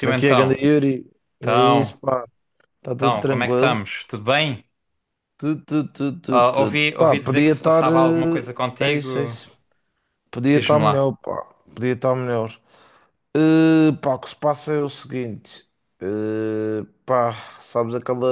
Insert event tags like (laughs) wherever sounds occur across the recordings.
Como é que é, ganda Yuri? É então, isso, pá. Está tudo então, como é que tranquilo? estamos? Tudo bem? Tudo, tudo, tudo, tudo, Ah, tudo. ouvi, Pá, ouvi dizer que podia se estar. passava alguma coisa É isso, é contigo, isso. Podia estar diz-me lá. melhor, pá. Podia estar melhor. Pá, o que se passa é o seguinte. Pá, sabes aquela.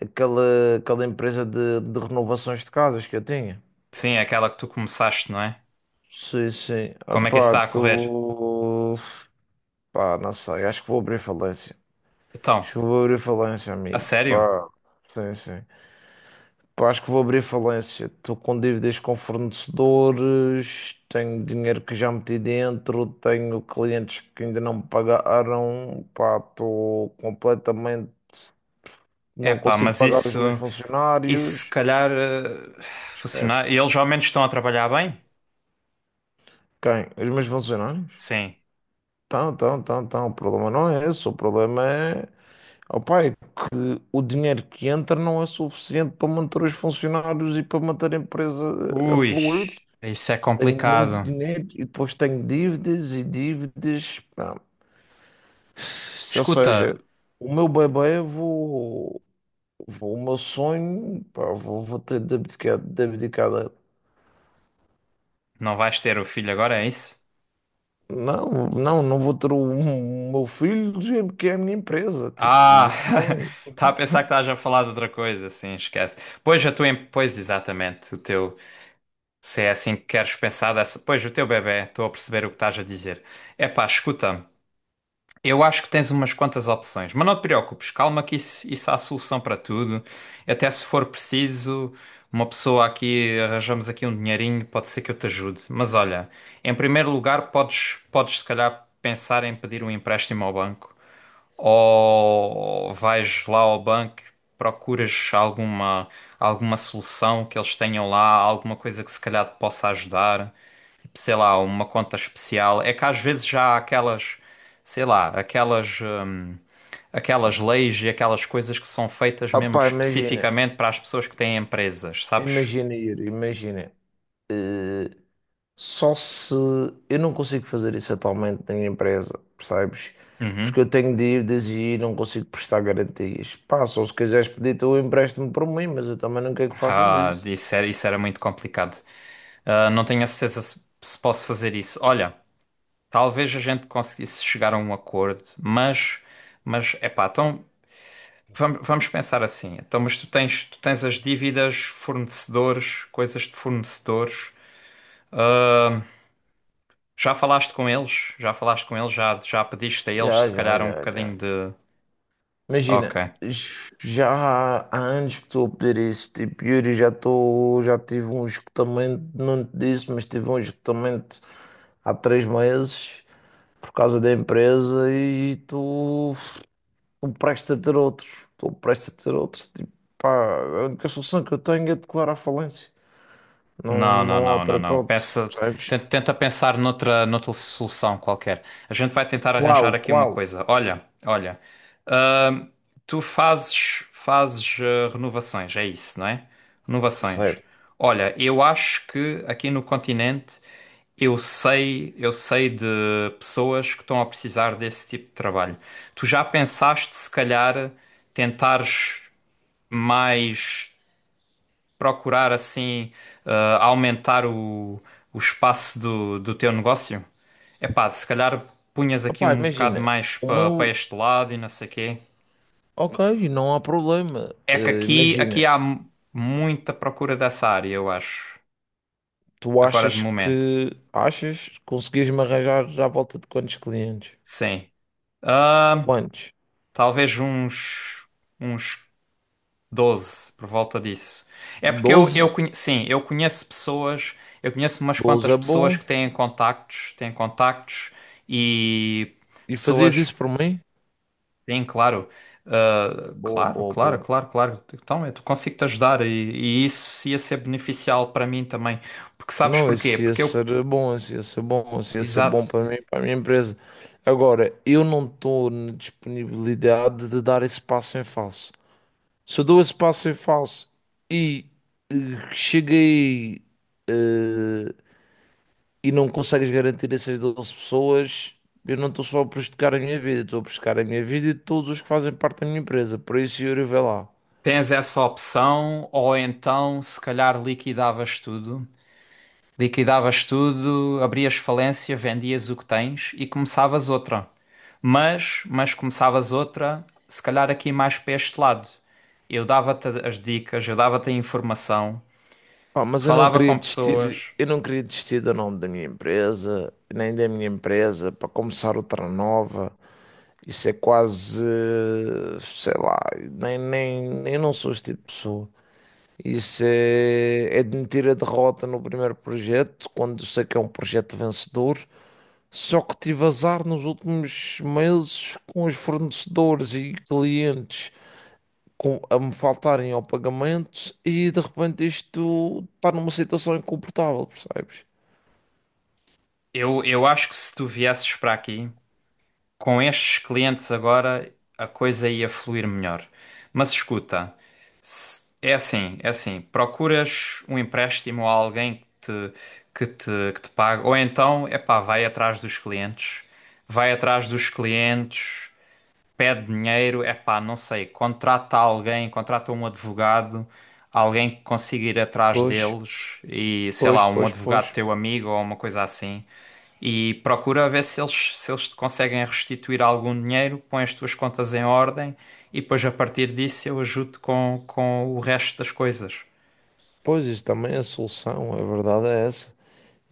Aquela empresa de renovações de casas que eu tinha? Sim, é aquela que tu começaste, não é? Sim, sim. Ah, Como é que isso pá, está a correr? tu. Pá, não sei. Acho que vou abrir falência. Acho Então, que vou abrir falência, a amigo. sério? Pá, sim, sim. Pá, acho que vou abrir falência. Estou com dívidas com fornecedores, tenho dinheiro que já meti dentro, tenho clientes que ainda não me pagaram. Pá, estou completamente. Não Epá, consigo mas pagar os isso, meus isso se funcionários. calhar eh, funcionar. Esquece. E eles ao menos estão a trabalhar bem? Quem? Os meus funcionários? Sim. Então. O problema não é esse. O problema é. Ó pai, o dinheiro que entra não é suficiente para manter os funcionários e para manter a empresa a Ui, fluir. isso é Tenho muito complicado. dinheiro e depois tenho dívidas e dívidas. Pá. Ou Escuta, seja, o meu bebê, eu vou, o meu sonho, pá, vou ter de abdicar da- não vais ter o filho agora, é isso? Não, não, não vou ter o meu filho, gente, que é a minha empresa. Tipo, o Ah, meu sonho. (laughs) estava a pensar que estás a falar de outra coisa, sim, esquece. Pois, pois exatamente, o teu, se é assim que queres pensar dessa, pois o teu bebé, estou a perceber o que estás a dizer. Epá, escuta, eu acho que tens umas quantas opções, mas não te preocupes, calma que isso há solução para tudo. Até se for preciso, uma pessoa aqui, arranjamos aqui um dinheirinho, pode ser que eu te ajude. Mas olha, em primeiro lugar, podes se calhar pensar em pedir um empréstimo ao banco ou vais lá ao banco, procuras alguma, alguma solução que eles tenham lá, alguma coisa que se calhar te possa ajudar, tipo, sei lá, uma conta especial. É que às vezes já há aquelas, sei lá, aquelas, aquelas leis e aquelas coisas que são feitas Ah, mesmo pá, imagina, especificamente para as pessoas que têm empresas, sabes? imagina ir, imagina. Só se eu não consigo fazer isso atualmente na minha empresa, percebes? Porque Uhum. eu tenho de dívidas e não consigo prestar garantias. Pá, só se quiseres pedir tu empréstimo para mim, mas eu também não quero que faças Ah, isso. Isso era muito complicado. Ah, não tenho a certeza se posso fazer isso. Olha. Talvez a gente conseguisse chegar a um acordo, mas epá, então vamos pensar assim. Então, mas tu tens as dívidas, fornecedores, coisas de fornecedores. Ah, já falaste com eles? Já falaste com eles? Já, já pediste a eles Já, se já, calhar um já, já. bocadinho de. Ok. Imagina, já há anos que estou a pedir isso. Tipo, Yuri, já estou, já tive um esgotamento, não te disse, mas tive um esgotamento há três meses por causa da empresa e tu. Estou prestes a ter outros. Estou prestes a ter outros. Tipo, pá, a única solução que eu tenho é declarar falência. Não, Não, não, não há não, outra não, não. hipótese, Pensa, percebes? tenta, tenta pensar noutra, noutra solução qualquer. A gente vai tentar arranjar Qual? aqui uma Qual? coisa. Olha, olha. Tu fazes, fazes renovações, é isso, não é? Renovações. Certo. Olha, eu acho que aqui no continente eu sei de pessoas que estão a precisar desse tipo de trabalho. Tu já pensaste se calhar tentares mais procurar assim eh, aumentar o espaço do teu negócio? Epá, se calhar punhas aqui Opá, um bocado imagina, mais o para meu. este lado e não sei quê. Ok, não há problema. É que aqui, aqui Imagina, há mu- muita procura dessa área, eu acho. tu Agora de achas momento. que. Achas conseguias-me arranjar à volta de quantos clientes? Sim. Ah, Quantos? talvez uns, uns 12 por volta disso. É porque eu Doze, conhe- sim, eu conheço pessoas, eu conheço umas doze quantas é pessoas bom. que têm contactos e E fazias pessoas isso por mim? têm, claro. Ah, Boa, claro, boa, claro, boa. claro, claro. Então, eu consigo te ajudar e isso ia ser beneficial para mim também. Porque sabes Não, porquê? isso ia Porque eu. ser bom, isso ia ser bom, isso ia ser bom Exato. para mim, para a minha empresa. Agora, eu não estou na disponibilidade de dar esse passo em falso. Se eu dou esse passo em falso e cheguei eh, e não consegues garantir essas 12 pessoas, eu não estou só a prejudicar a minha vida, estou a prejudicar a minha vida e de todos os que fazem parte da minha empresa. Por isso, Yuri, vê lá. Tens essa opção, ou então, se calhar, liquidavas tudo. Liquidavas tudo, abrias falência, vendias o que tens e começavas outra. Mas começavas outra, se calhar aqui mais para este lado. Eu dava-te as dicas, eu dava-te a informação, Pá, mas eu não falava queria com desistir, pessoas. eu não queria desistir do nome da minha empresa, nem da minha empresa, para começar outra nova. Isso é quase, sei lá, nem, eu não sou este tipo de pessoa. Isso é, é admitir a derrota no primeiro projeto, quando eu sei que é um projeto vencedor. Só que tive azar nos últimos meses com os fornecedores e clientes a me faltarem ao pagamento e de repente isto está numa situação incomportável, percebes? Eu acho que se tu viesses para aqui, com estes clientes agora a coisa ia fluir melhor. Mas escuta, se- é assim, procuras um empréstimo a alguém que te, que te pague, ou então, epá, vai atrás dos clientes, vai atrás dos clientes, pede dinheiro, é pá, não sei, contrata alguém, contrata um advogado, alguém que consiga ir atrás Pois, deles e sei pois, lá, um pois, advogado pois. teu amigo ou uma coisa assim. E procura ver se eles, se eles te conseguem restituir algum dinheiro, põe as tuas contas em ordem e depois a partir disso eu ajudo com o resto das coisas. Pois, isso também é a solução, a verdade é essa.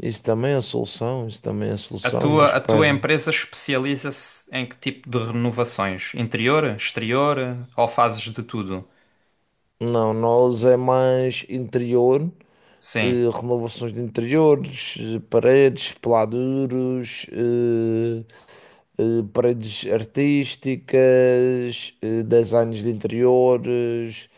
Isso também é a solução, isso também é a solução e A tua espero. empresa especializa-se em que tipo de renovações? Interior, exterior ou fazes de tudo? Não, nós é mais interior, Sim, renovações de interiores, paredes, peladuros, paredes artísticas, designs de interiores,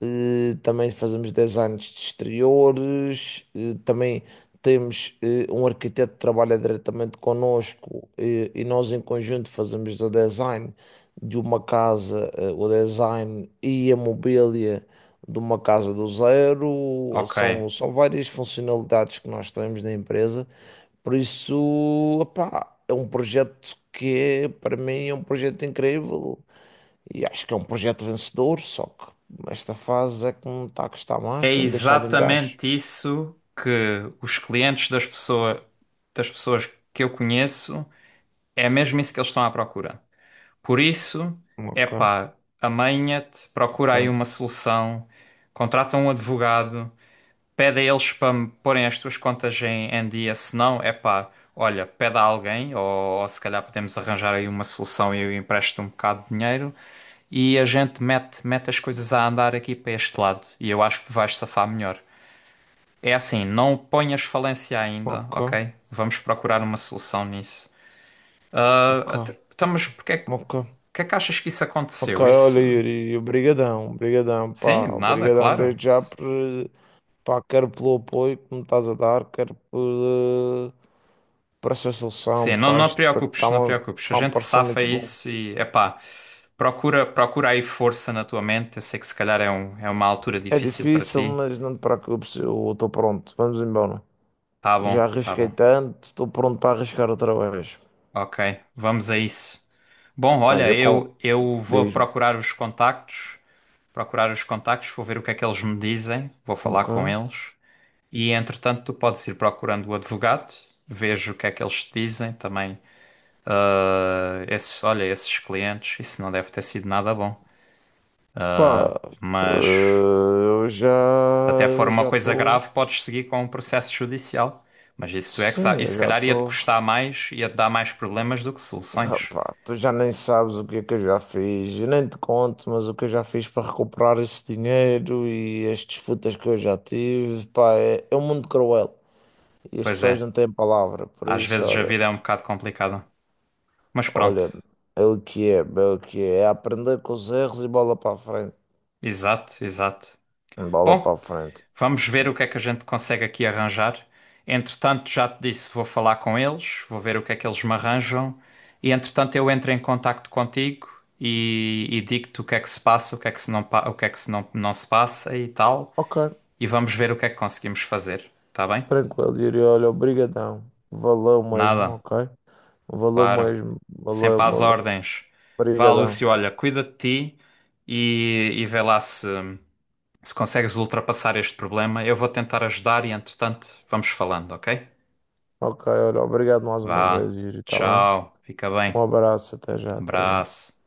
também fazemos designs de exteriores, também temos um arquiteto que trabalha diretamente connosco e nós em conjunto fazemos o design de uma casa, o design e a mobília de uma casa do zero, ok. são várias funcionalidades que nós temos na empresa, por isso, opá, é um projeto que para mim é um projeto incrível e acho que é um projeto vencedor, só que esta fase é que me está a custar mais, É tem-me deixado em baixo. exatamente isso que os clientes das pessoa- das pessoas que eu conheço, é mesmo isso que eles estão à procura. Por isso, é Ok, pá, amanha-te, procura aí ok, uma solução, contrata um advogado, pede a eles para me porem as tuas contas em, em dia, se não, é pá, olha, pede a alguém, ou se calhar podemos arranjar aí uma solução e eu empresto um bocado de dinheiro e a gente mete, mete as coisas a andar aqui para este lado e eu acho que te vais safar melhor. É assim, não ponhas falência ainda, ok, ok? Vamos procurar uma solução nisso. Ah, ok, até- então, mas porque é, que ok. que é que achas que isso Ok, aconteceu? olha, Isso. Yuri, obrigadão, obrigadão, Sim, pá, de nada, obrigadão claro. desde já por, pá, quero pelo apoio que me estás a dar, quero por, parece a solução, Sim, não, pá, não te isto preocupes, não te está-me preocupes. A tá gente parecendo safa muito bom. isso e, epá, procura, procura aí força na tua mente. Eu sei que se calhar é, um, é uma altura É difícil para difícil, ti. mas não te preocupes, eu estou pronto. Vamos embora. Tá bom, Já tá arrisquei bom. tanto, estou pronto para arriscar outra vez. Ok, vamos a isso. Bom, Aí olha, eu com. eu vou Diz-me. procurar os contactos. Procurar os contactos, vou ver o que é que eles me dizem, vou falar Ok. com eles e entretanto tu podes ir procurando o advogado, vejo o que é que eles te dizem também. Eh, esses, olha, esses clientes, isso não deve ter sido nada bom, Pá, mas se eu já. até for Eu uma já coisa estou. grave, podes seguir com um processo judicial. Mas isso tu é que sabe. Sim, Isso eu se já calhar ia-te estou. custar mais, ia-te dar mais problemas do que Ah, soluções. pá, tu já nem sabes o que é que eu já fiz. Eu nem te conto, mas o que eu já fiz para recuperar esse dinheiro e as disputas que eu já tive, pá, é, é um mundo cruel. E as Pois pessoas é, não têm palavra, por às isso, vezes a olha, vida é um bocado complicada. Mas pronto, olha, é o que é, é o que é, é aprender com os erros e bola para a frente, exato, exato. bola para Bom, a frente. vamos ver o que é que a gente consegue aqui arranjar. Entretanto, já te disse, vou falar com eles, vou ver o que é que eles me arranjam. E entretanto, eu entro em contacto contigo e digo-te o que é que se passa, o que é que se não, pa- o que é que se não, não se passa e tal. Ok, E vamos ver o que é que conseguimos fazer, tá bem? tranquilo, Yuri, olha, obrigadão, valeu mesmo, Nada, ok? Valeu claro. mesmo, Sempre valeu, às valeu, ordens. Vá, obrigadão. Lúcio, olha, cuida de ti e vê lá se, se consegues ultrapassar este problema. Eu vou tentar ajudar e entretanto, vamos falando, ok? Ok, olha, obrigado mais uma Vá, vez, Yuri, tá bem? tchau, fica Um bem. abraço, até já, até já. Abraço.